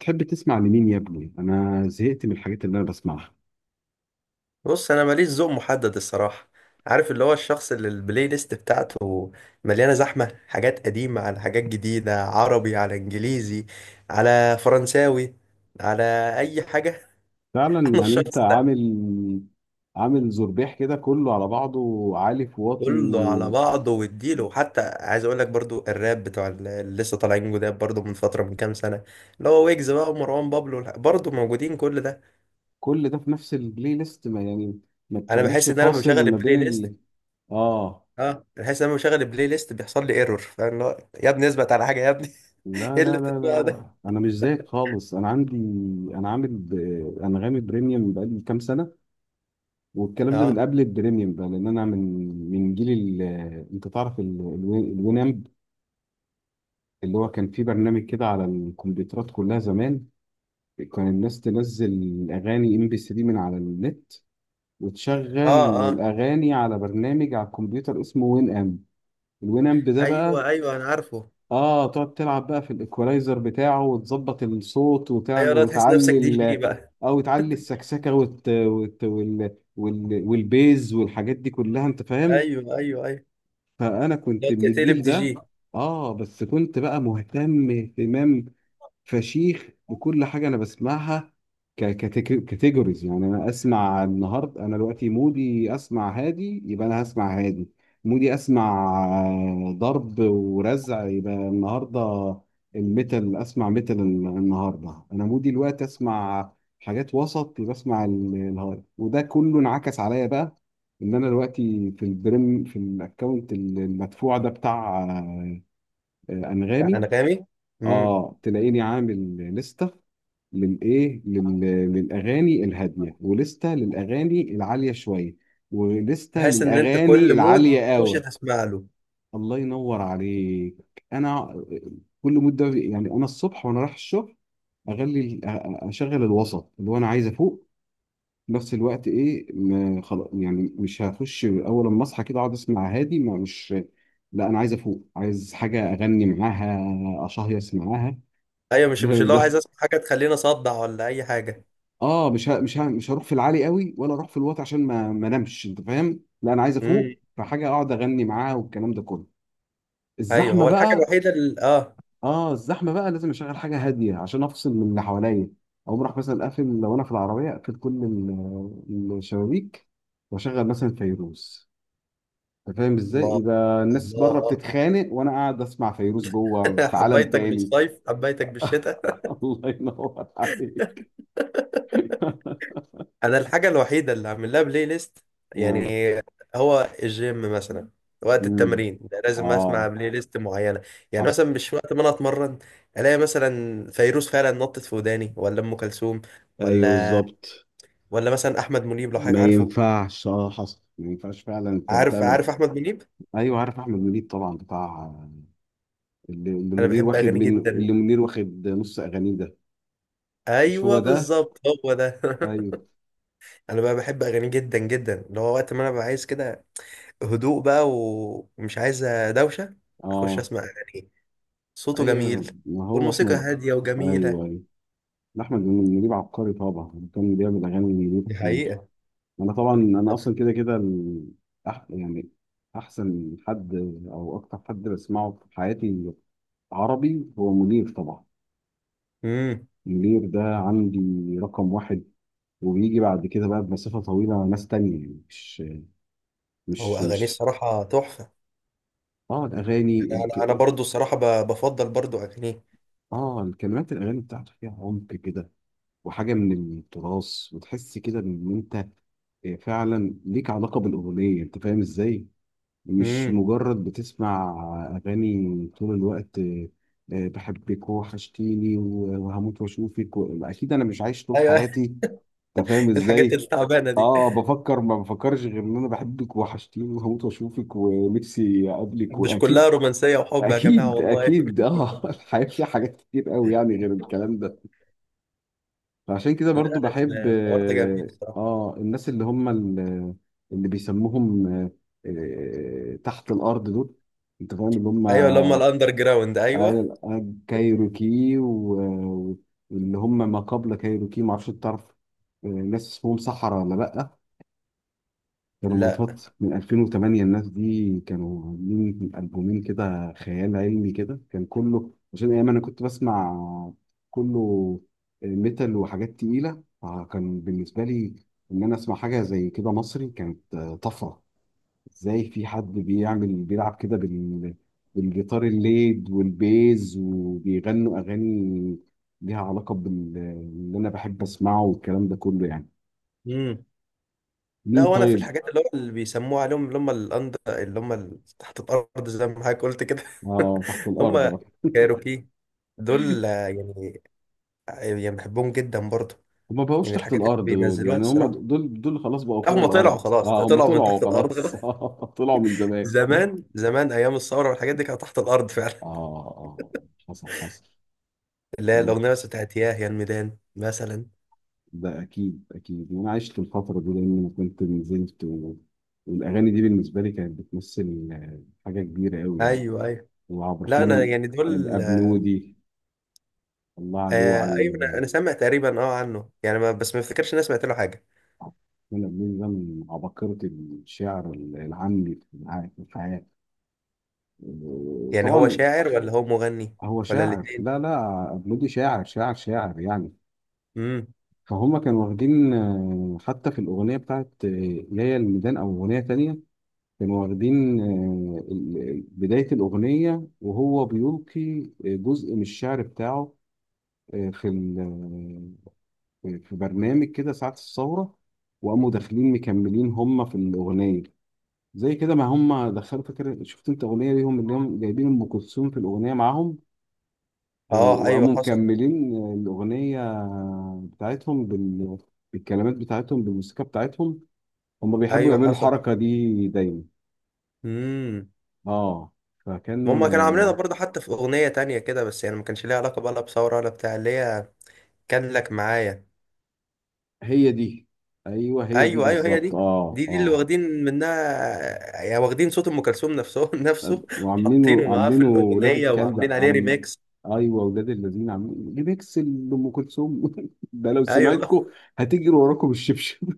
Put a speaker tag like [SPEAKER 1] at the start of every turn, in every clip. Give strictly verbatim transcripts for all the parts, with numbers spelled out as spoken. [SPEAKER 1] تحب تسمع لمين يا ابني؟ أنا زهقت من الحاجات اللي أنا بسمعها.
[SPEAKER 2] بص انا ماليش ذوق محدد الصراحه. عارف اللي هو الشخص اللي البلاي ليست بتاعته مليانه زحمه، حاجات قديمه على حاجات جديده، عربي على انجليزي على فرنساوي على اي حاجه.
[SPEAKER 1] فعلا
[SPEAKER 2] انا
[SPEAKER 1] يعني أنت
[SPEAKER 2] الشخص ده،
[SPEAKER 1] عامل عامل زربيح كده، كله على بعضه، عالي في واطي.
[SPEAKER 2] كله على بعضه واديله. وحتى عايز اقول لك برضو الراب بتوع ال- اللي لسه طالعين جداد برضو من فتره، من كام سنه، اللي هو ويجز بقى ومروان بابلو والح- برضو موجودين، كل ده.
[SPEAKER 1] كل ده في نفس البلاي ليست ما يعني؟ ما
[SPEAKER 2] انا
[SPEAKER 1] بتعملش
[SPEAKER 2] بحس ان انا لما بشغل
[SPEAKER 1] فاصل ما
[SPEAKER 2] البلاي
[SPEAKER 1] بين
[SPEAKER 2] ليست،
[SPEAKER 1] ال آه
[SPEAKER 2] اه، بحس ان انا لما بشغل البلاي ليست بيحصل لي ايرور، فاهم؟ اللي هو يا ابني اثبت على حاجه يا ابني.
[SPEAKER 1] لا
[SPEAKER 2] ايه اللي
[SPEAKER 1] لا لا لا
[SPEAKER 2] بتسمعه ده؟
[SPEAKER 1] لا، أنا مش زيك خالص. أنا عندي، أنا عامل ب... أنغامي بريميوم بقالي كام سنة. والكلام ده من
[SPEAKER 2] اه،
[SPEAKER 1] قبل البريميوم بقى، لأن أنا من من جيل ال... أنت تعرف ال... الوينامب، اللي هو كان في برنامج كده على الكمبيوترات كلها زمان. كان الناس تنزل اغاني ام بي ثري من على النت، وتشغل
[SPEAKER 2] اه، اه.
[SPEAKER 1] الاغاني على برنامج على الكمبيوتر اسمه وين ام. الوين ام ده
[SPEAKER 2] ايوه
[SPEAKER 1] بقى،
[SPEAKER 2] ايوه، انا عارفه.
[SPEAKER 1] اه تقعد تلعب بقى في الايكولايزر بتاعه وتظبط الصوت
[SPEAKER 2] ايوه،
[SPEAKER 1] وتعمل
[SPEAKER 2] لا تحس نفسك
[SPEAKER 1] وتعلي
[SPEAKER 2] دي جي
[SPEAKER 1] ال-
[SPEAKER 2] بقى.
[SPEAKER 1] او تعلي السكسكه وت... وت... وال... وال... والبيز والحاجات دي كلها، انت فاهم.
[SPEAKER 2] ايوه ايوه ايوه.
[SPEAKER 1] فانا
[SPEAKER 2] لا
[SPEAKER 1] كنت من
[SPEAKER 2] تقلب
[SPEAKER 1] الجيل
[SPEAKER 2] دي جي.
[SPEAKER 1] ده. اه بس كنت بقى مهتم اهتمام فشيخ بكل حاجه انا بسمعها ككاتيجوريز، يعني انا اسمع النهارده، انا دلوقتي مودي اسمع هادي، يبقى انا هسمع هادي. مودي اسمع آه، ضرب ورزع، يبقى النهارده الميتال اسمع ميتال. النهارده انا مودي الوقت اسمع حاجات وسط، يبقى اسمع ال- الهارد. وده كله انعكس عليا بقى، ان انا دلوقتي في البريم في الاكونت المدفوع ده بتاع آه، آه، انغامي.
[SPEAKER 2] انغامي. امم
[SPEAKER 1] اه تلاقيني عامل لستة للايه لل... للاغاني الهاديه، ولستة للاغاني العاليه شويه، ولستة
[SPEAKER 2] بحيث ان انت
[SPEAKER 1] للاغاني
[SPEAKER 2] كل مود
[SPEAKER 1] العاليه
[SPEAKER 2] تخش
[SPEAKER 1] قوي.
[SPEAKER 2] تسمع له.
[SPEAKER 1] الله ينور عليك. انا كل مده يعني، انا الصبح وانا رايح الشغل اغلي اشغل الوسط، اللي هو انا عايز افوق في نفس الوقت. ايه ما خلاص يعني، مش هخش اول ما اصحى كده اقعد اسمع هادي، ما مش، لا، انا عايز افوق، عايز حاجه اغني معاها اشهيص معاها.
[SPEAKER 2] ايوه، مش مش اللي هو عايز اسمع حاجه تخليني اصدع ولا اي حاجه.
[SPEAKER 1] اه مش ه... مش ه... مش هروح في العالي قوي، ولا اروح في الواطي عشان ما ما انامش، انت فاهم. لا انا عايز
[SPEAKER 2] امم
[SPEAKER 1] افوق، فحاجه اقعد اغني معاها والكلام ده كله.
[SPEAKER 2] ايوه،
[SPEAKER 1] الزحمه
[SPEAKER 2] هو الحاجه
[SPEAKER 1] بقى،
[SPEAKER 2] الوحيده اللي اه.
[SPEAKER 1] اه الزحمه بقى لازم اشغل حاجه هاديه عشان افصل من اللي حواليا. او راح مثلا اقفل، لو انا في العربيه اقفل كل ال- الشبابيك، واشغل مثلا فيروز. انت فاهم ازاي؟
[SPEAKER 2] الله،
[SPEAKER 1] يبقى الناس بره
[SPEAKER 2] الله.
[SPEAKER 1] بتتخانق وانا قاعد اسمع فيروز جوه في عالم
[SPEAKER 2] حبيتك
[SPEAKER 1] تاني.
[SPEAKER 2] بالصيف حبيتك بالشتاء.
[SPEAKER 1] الله ينور عليك.
[SPEAKER 2] انا الحاجه الوحيده اللي عامل لها بلاي ليست،
[SPEAKER 1] آه.
[SPEAKER 2] يعني، هو الجيم مثلا، وقت
[SPEAKER 1] مم.
[SPEAKER 2] التمرين ده لازم اسمع
[SPEAKER 1] اه،
[SPEAKER 2] بلاي ليست معينه. يعني
[SPEAKER 1] حصل.
[SPEAKER 2] مثلا مش وقت ما انا اتمرن الاقي مثلا فيروز فعلا نطت في وداني، ولا ام كلثوم،
[SPEAKER 1] ايوه
[SPEAKER 2] ولا
[SPEAKER 1] بالظبط.
[SPEAKER 2] ولا مثلا احمد منيب، لو حضرتك
[SPEAKER 1] ما
[SPEAKER 2] عارفه.
[SPEAKER 1] ينفعش، اه حصل، ما ينفعش فعلا ت-
[SPEAKER 2] عارف
[SPEAKER 1] تعلم.
[SPEAKER 2] عارف احمد منيب.
[SPEAKER 1] ايوه عارف احمد منيب طبعا، بتاع اللي اللي
[SPEAKER 2] انا
[SPEAKER 1] منير
[SPEAKER 2] بحب
[SPEAKER 1] واخد
[SPEAKER 2] اغانيه
[SPEAKER 1] منه، اللي
[SPEAKER 2] جدا.
[SPEAKER 1] منير واخد نص اغانيه ده. مش هو
[SPEAKER 2] ايوه
[SPEAKER 1] ده؟
[SPEAKER 2] بالظبط، هو ده.
[SPEAKER 1] ايوه.
[SPEAKER 2] انا بقى بحب اغانيه جدا جدا، اللي هو وقت ما انا ببقى عايز كده هدوء بقى ومش عايز دوشه، اخش
[SPEAKER 1] اه،
[SPEAKER 2] اسمع اغانيه. صوته جميل
[SPEAKER 1] ايوه، ما هو
[SPEAKER 2] والموسيقى
[SPEAKER 1] احمد.
[SPEAKER 2] هادية وجميلة.
[SPEAKER 1] ايوه ايوه. لا، احمد منيب عبقري طبعا، كان بيعمل اغاني منير
[SPEAKER 2] دي
[SPEAKER 1] كتير.
[SPEAKER 2] حقيقة.
[SPEAKER 1] انا طبعا، انا اصلا كده كده ال- أح... يعني احسن حد، او اكتر حد بسمعه في حياتي عربي، هو منير طبعا.
[SPEAKER 2] امم
[SPEAKER 1] منير ده عندي رقم واحد. وبيجي بعد كده بقى بمسافة طويلة مع ناس تانية، يعني مش
[SPEAKER 2] هو
[SPEAKER 1] مش
[SPEAKER 2] أغانيه
[SPEAKER 1] مش
[SPEAKER 2] الصراحة تحفة.
[SPEAKER 1] اه الأغاني
[SPEAKER 2] أنا أنا أنا
[SPEAKER 1] الك...
[SPEAKER 2] برضه الصراحة ب- بفضل برضه أغانيه.
[SPEAKER 1] اه الكلمات الأغاني بتاعته فيها عمق كده، وحاجة من التراث، وتحس كده إن أنت آه، فعلا ليك علاقة بالأغنية، أنت فاهم إزاي؟ مش
[SPEAKER 2] امم
[SPEAKER 1] مجرد بتسمع أغاني طول الوقت آه، آه، بحبك وحشتيني و- وهموت وأشوفك و- أكيد أنا مش عايش طول
[SPEAKER 2] أيوه، أيوة.
[SPEAKER 1] حياتي. أنت فاهم
[SPEAKER 2] الحاجات
[SPEAKER 1] إزاي؟
[SPEAKER 2] التعبانة دي
[SPEAKER 1] اه بفكر، ما بفكرش غير ان انا بحبك وحشتيني وهموت واشوفك ونفسي اقابلك
[SPEAKER 2] مش كلها
[SPEAKER 1] واكيد
[SPEAKER 2] رومانسية وحب يا جماعة،
[SPEAKER 1] اكيد
[SPEAKER 2] والله.
[SPEAKER 1] اكيد، اه. الحياه فيها حاجات كتير قوي يعني غير الكلام ده. فعشان كده
[SPEAKER 2] لا،
[SPEAKER 1] برضو بحب
[SPEAKER 2] لا، الحوار ده جميل
[SPEAKER 1] اه
[SPEAKER 2] الصراحة.
[SPEAKER 1] آه، الناس اللي هم ال- اللي بيسموهم آه، آه، تحت الارض دول، انت فاهم اللي هم
[SPEAKER 2] أيوه، اللي هم الأندر جراوند، أيوه.
[SPEAKER 1] آي- آي- كايروكي و- واللي هم ما قبل كايروكي، ما اعرفش تعرف آه، ناس اسمهم صحراء ولا لا. كانوا من
[SPEAKER 2] لا.
[SPEAKER 1] فترة من ألفين وثمانية، الناس دي كانوا عاملين ألبومين كده خيال علمي كده، كان كله عشان أيام أنا كنت بسمع كله ميتال وحاجات تقيلة. فكان بالنسبة لي إن أنا أسمع حاجة زي كده مصري كانت طفرة. إزاي في حد بيعمل بيلعب كده بال بالجيتار الليد والبيز، وبيغنوا أغاني ليها علاقة باللي أنا بحب أسمعه والكلام ده كله يعني.
[SPEAKER 2] امم لا،
[SPEAKER 1] مين
[SPEAKER 2] وأنا في
[SPEAKER 1] طيب؟
[SPEAKER 2] الحاجات اللي هو اللي بيسموها عليهم، اللي هم الأندر، اللي هم ال- تحت الأرض زي ما حضرتك قلت كده.
[SPEAKER 1] آه تحت الأرض.
[SPEAKER 2] هم كايروكي دول يعني، يعني بحبهم جدا برضه.
[SPEAKER 1] هما بقوش
[SPEAKER 2] يعني
[SPEAKER 1] تحت
[SPEAKER 2] الحاجات
[SPEAKER 1] الارض
[SPEAKER 2] اللي
[SPEAKER 1] دول
[SPEAKER 2] بينزلوها
[SPEAKER 1] يعني، هما
[SPEAKER 2] الصراحه،
[SPEAKER 1] دول دول خلاص بقوا
[SPEAKER 2] لا هم
[SPEAKER 1] فوق
[SPEAKER 2] طلعوا
[SPEAKER 1] الارض،
[SPEAKER 2] خلاص،
[SPEAKER 1] اه هما
[SPEAKER 2] طلعوا من تحت
[SPEAKER 1] طلعوا
[SPEAKER 2] الارض
[SPEAKER 1] خلاص،
[SPEAKER 2] خلاص.
[SPEAKER 1] طلعوا من زمان.
[SPEAKER 2] زمان زمان ايام الثوره والحاجات دي كانت تحت الارض فعلا.
[SPEAKER 1] اه اه آه، حصل حصل.
[SPEAKER 2] اللي هي
[SPEAKER 1] ممكن.
[SPEAKER 2] الاغنيه بس بتاعت ياه يا الميدان مثلا.
[SPEAKER 1] ده اكيد اكيد، وانا عشت الفتره دي لان انا كنت نزلت و... والاغاني دي بالنسبه لي كانت بتمثل آه، حاجه كبيره قوي يعني.
[SPEAKER 2] ايوه ايوه.
[SPEAKER 1] وعبد
[SPEAKER 2] لا
[SPEAKER 1] الرحمن
[SPEAKER 2] انا
[SPEAKER 1] ال-
[SPEAKER 2] يعني دول.
[SPEAKER 1] الابنودي، الله عليه وعلى
[SPEAKER 2] آه ايوه، انا
[SPEAKER 1] ال-
[SPEAKER 2] أنا سامع تقريبا اه عنه، يعني ما بس ما افتكرش ان انا سمعت له حاجه.
[SPEAKER 1] عبد الرحمن الابنودي ده من عباقره الشعر العامي في الع- في الحياه، آه،
[SPEAKER 2] يعني هو
[SPEAKER 1] طبعا.
[SPEAKER 2] شاعر ولا هو مغني
[SPEAKER 1] هو
[SPEAKER 2] ولا
[SPEAKER 1] شاعر،
[SPEAKER 2] الاثنين؟
[SPEAKER 1] لا لا مودي شاعر شاعر شاعر يعني.
[SPEAKER 2] امم
[SPEAKER 1] فهم كانوا واخدين آه، حتى في الأغنية بتاعت آه، يا يا الميدان أو أغنية تانية، كانوا واخدين آه، ال- ال- بداية الأغنية، وهو بيلقي آه، جزء من الشعر بتاعه آه، في ال- آه، في برنامج كده ساعة الثورة، وقاموا داخلين مكملين هم في الأغنية. زي كده ما هم دخلوا فكرة، شفت انت أغنية ليهم اللي هم جايبين أم كلثوم في الأغنية معاهم
[SPEAKER 2] اه
[SPEAKER 1] و-
[SPEAKER 2] ايوه،
[SPEAKER 1] وقاموا
[SPEAKER 2] حصل.
[SPEAKER 1] مكملين الأغنية بتاعتهم بال... بالكلمات بتاعتهم، بالموسيقى بتاعتهم. هم بيحبوا
[SPEAKER 2] ايوه
[SPEAKER 1] يعملوا
[SPEAKER 2] حصل.
[SPEAKER 1] الحركة دي دايما.
[SPEAKER 2] امم
[SPEAKER 1] اه،
[SPEAKER 2] ما
[SPEAKER 1] فكان
[SPEAKER 2] هم كانوا عاملينها
[SPEAKER 1] آه،
[SPEAKER 2] برضه حتى في اغنيه تانية كده، بس يعني ما كانش ليها علاقه بقى لا بثوره ولا بتاع، اللي هي كان لك معايا.
[SPEAKER 1] هي دي. ايوه هي دي
[SPEAKER 2] ايوه ايوه، هي دي.
[SPEAKER 1] بالظبط، اه
[SPEAKER 2] دي دي اللي
[SPEAKER 1] اه.
[SPEAKER 2] واخدين منها، يعني واخدين صوت ام كلثوم نفسه نفسه، حاطينه
[SPEAKER 1] وعاملينه
[SPEAKER 2] معاه في
[SPEAKER 1] عاملينه ولاد
[SPEAKER 2] الاغنيه
[SPEAKER 1] الكلب
[SPEAKER 2] وعاملين عليه
[SPEAKER 1] عم.
[SPEAKER 2] ريميكس.
[SPEAKER 1] ايوه ولاد الذين عاملين ريميكس لام كلثوم، ده لو
[SPEAKER 2] ايوه والله.
[SPEAKER 1] سمعتكم هتجري وراكم الشبشب.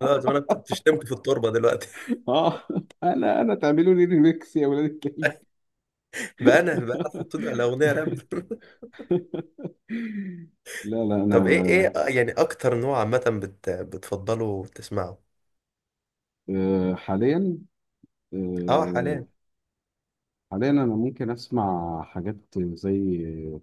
[SPEAKER 2] خلاص انا بت- بتشتمك في التربه دلوقتي.
[SPEAKER 1] اه انا انا تعملوا لي ريميكس يا ولاد الكلب.
[SPEAKER 2] بقى انا، بقى انا حاطين على اغنيه راب.
[SPEAKER 1] لا لا
[SPEAKER 2] طب ايه ايه
[SPEAKER 1] انا
[SPEAKER 2] آه، يعني اكتر نوع عامه بت بتفضله وتسمعه.
[SPEAKER 1] آه، حاليا،
[SPEAKER 2] اه
[SPEAKER 1] آه،
[SPEAKER 2] حاليا.
[SPEAKER 1] حاليا انا ممكن اسمع حاجات زي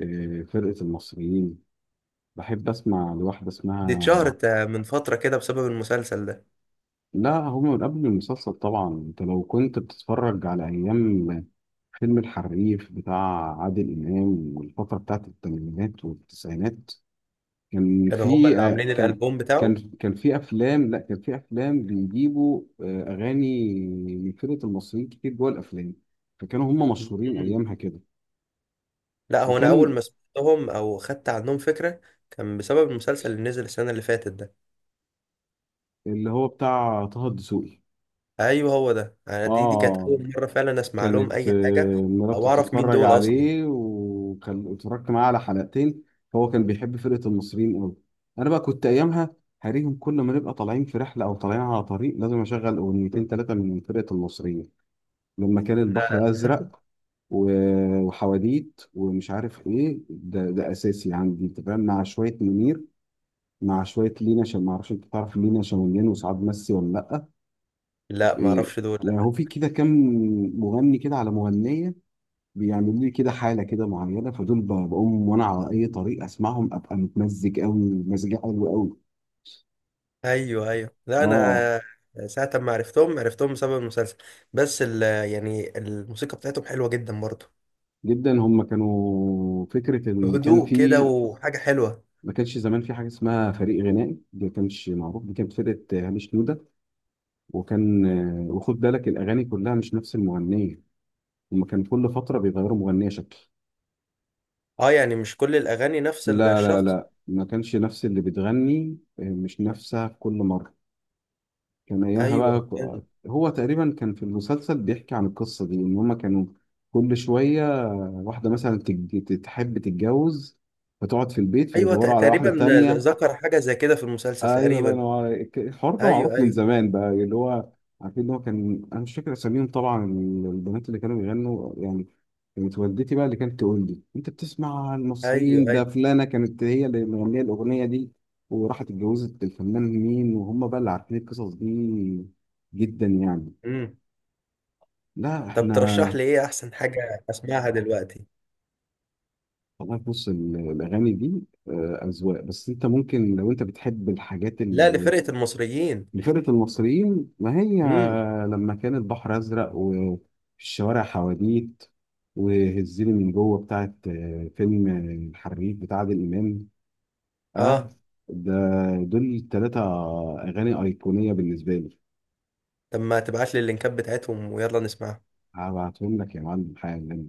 [SPEAKER 1] آه، فرقة المصريين. بحب اسمع لواحدة
[SPEAKER 2] دي
[SPEAKER 1] اسمها.
[SPEAKER 2] اتشهرت آه، من فتره كده بسبب المسلسل ده.
[SPEAKER 1] لا هم من قبل المسلسل طبعا، انت لو كنت بتتفرج على ايام فيلم الحريف بتاع عادل امام والفترة بتاعت الثمانينات والتسعينات. كان
[SPEAKER 2] كانوا هما
[SPEAKER 1] في
[SPEAKER 2] اللي
[SPEAKER 1] آه،
[SPEAKER 2] عاملين
[SPEAKER 1] كان
[SPEAKER 2] الالبوم بتاعه.
[SPEAKER 1] كان كان في افلام، لا كان في افلام بيجيبوا آه، اغاني من فرقة المصريين كتير جوه الافلام. فكانوا هم مشهورين ايامها كده.
[SPEAKER 2] لا، هو انا اول
[SPEAKER 1] وكان
[SPEAKER 2] ما سمعتهم او خدت عنهم فكره كان بسبب المسلسل اللي نزل السنه اللي فاتت ده.
[SPEAKER 1] اللي هو بتاع طه الدسوقي.
[SPEAKER 2] ايوه هو ده، انا
[SPEAKER 1] اه
[SPEAKER 2] دي دي كانت
[SPEAKER 1] آه،
[SPEAKER 2] اول مره فعلا اسمع لهم
[SPEAKER 1] كانت
[SPEAKER 2] اي حاجه
[SPEAKER 1] آه، مراتي
[SPEAKER 2] او اعرف مين
[SPEAKER 1] بتتفرج
[SPEAKER 2] دول اصلا.
[SPEAKER 1] عليه وكان اتفرجت معاه على حلقتين، هو كان بيحب فرقة المصريين قوي. انا بقى كنت ايامها هريهم، كل ما نبقى طالعين في رحلة او طالعين على طريق لازم اشغل اغنيتين تلاتة من فرقة المصريين. لما كان
[SPEAKER 2] لا
[SPEAKER 1] البحر ازرق و- وحواديت ومش عارف ايه، ده ده اساسي عندي انت فاهم، مع شوية منير، مع شوية لينا، عشان ما اعرفش انت تعرف لينا شمالين وسعاد مسي ولا لا.
[SPEAKER 2] لا، ما
[SPEAKER 1] إيه،
[SPEAKER 2] اعرفش دول لا.
[SPEAKER 1] يعني هو في كده كام مغني كده على مغنية بيعملوا لي كده حالة كده معينة، فدول ب- بقوم وأنا على أي طريق أسمعهم أبقى متمزج أوي، مزاجي حلو أوي.
[SPEAKER 2] ايوه ايوه. لا
[SPEAKER 1] آه
[SPEAKER 2] انا ساعه ما عرفتهم، عرفتهم بسبب المسلسل، بس ال، يعني الموسيقى بتاعتهم حلوه جدا برضه،
[SPEAKER 1] جدا. هم كانوا فكرة إن كان
[SPEAKER 2] هدوء كده
[SPEAKER 1] في
[SPEAKER 2] وحاجه حلوه.
[SPEAKER 1] ما كانش زمان في حاجة اسمها فريق غنائي، دي ما كانش معروف. دي كانت فرقة هامش نوده، وكان آه، وخد بالك الأغاني كلها مش نفس المغنية. هم كان كل فترة بيغيروا مغنية شكل.
[SPEAKER 2] اه، يعني مش كل الاغاني نفس
[SPEAKER 1] لا لا
[SPEAKER 2] الشخص.
[SPEAKER 1] لا ما كانش نفس اللي بتغني، آه، مش نفسها في كل مرة. كان ايامها بقى
[SPEAKER 2] ايوه فاهم.
[SPEAKER 1] ك- هو تقريبا كان في المسلسل بيحكي عن القصه دي ان هما كانوا كل شويه واحده مثلا تج- تحب تتجوز فتقعد في البيت
[SPEAKER 2] ايوه، ت-
[SPEAKER 1] فيدوروا على
[SPEAKER 2] تقريبا
[SPEAKER 1] واحده
[SPEAKER 2] ذ-
[SPEAKER 1] تانية.
[SPEAKER 2] ذكر حاجه زي كده في المسلسل
[SPEAKER 1] ايوه الله
[SPEAKER 2] تقريبا.
[SPEAKER 1] ينور عليك، الحوار ده
[SPEAKER 2] ايوه
[SPEAKER 1] معروف من
[SPEAKER 2] ايوه
[SPEAKER 1] زمان بقى، اللي هو عارفين ان هو كان، انا مش فاكر اساميهم طبعا البنات اللي كانوا بيغنوا يعني. كانت والدتي بقى اللي كانت تقول لي انت بتسمع
[SPEAKER 2] ايوه
[SPEAKER 1] المصريين ده،
[SPEAKER 2] ايوه.
[SPEAKER 1] فلانه كانت هي اللي مغنيه الاغنيه دي وراحت اتجوزت الفنان مين، وهم بقى اللي عارفين القصص دي جدا يعني.
[SPEAKER 2] امم
[SPEAKER 1] لا
[SPEAKER 2] طب ترشح
[SPEAKER 1] احنا،
[SPEAKER 2] لي ايه احسن حاجه اسمعها دلوقتي؟
[SPEAKER 1] والله بص ال- الاغاني دي آه، اذواق، بس انت ممكن لو انت بتحب الحاجات
[SPEAKER 2] لا
[SPEAKER 1] اللي
[SPEAKER 2] لفرقه المصريين.
[SPEAKER 1] اللي فرقه المصريين، ما هي
[SPEAKER 2] امم
[SPEAKER 1] لما كان البحر ازرق، وفي الشوارع حواديت، وهزيني من جوه بتاعت آه، فيلم الحريف بتاع عادل امام. اه،
[SPEAKER 2] اه
[SPEAKER 1] ده دول تلات أغاني أيقونية بالنسبة لي.
[SPEAKER 2] طب ما تبعت لي اللينكات بتاعتهم ويلا نسمعها.
[SPEAKER 1] هبعتهم لك يا معلم حالا.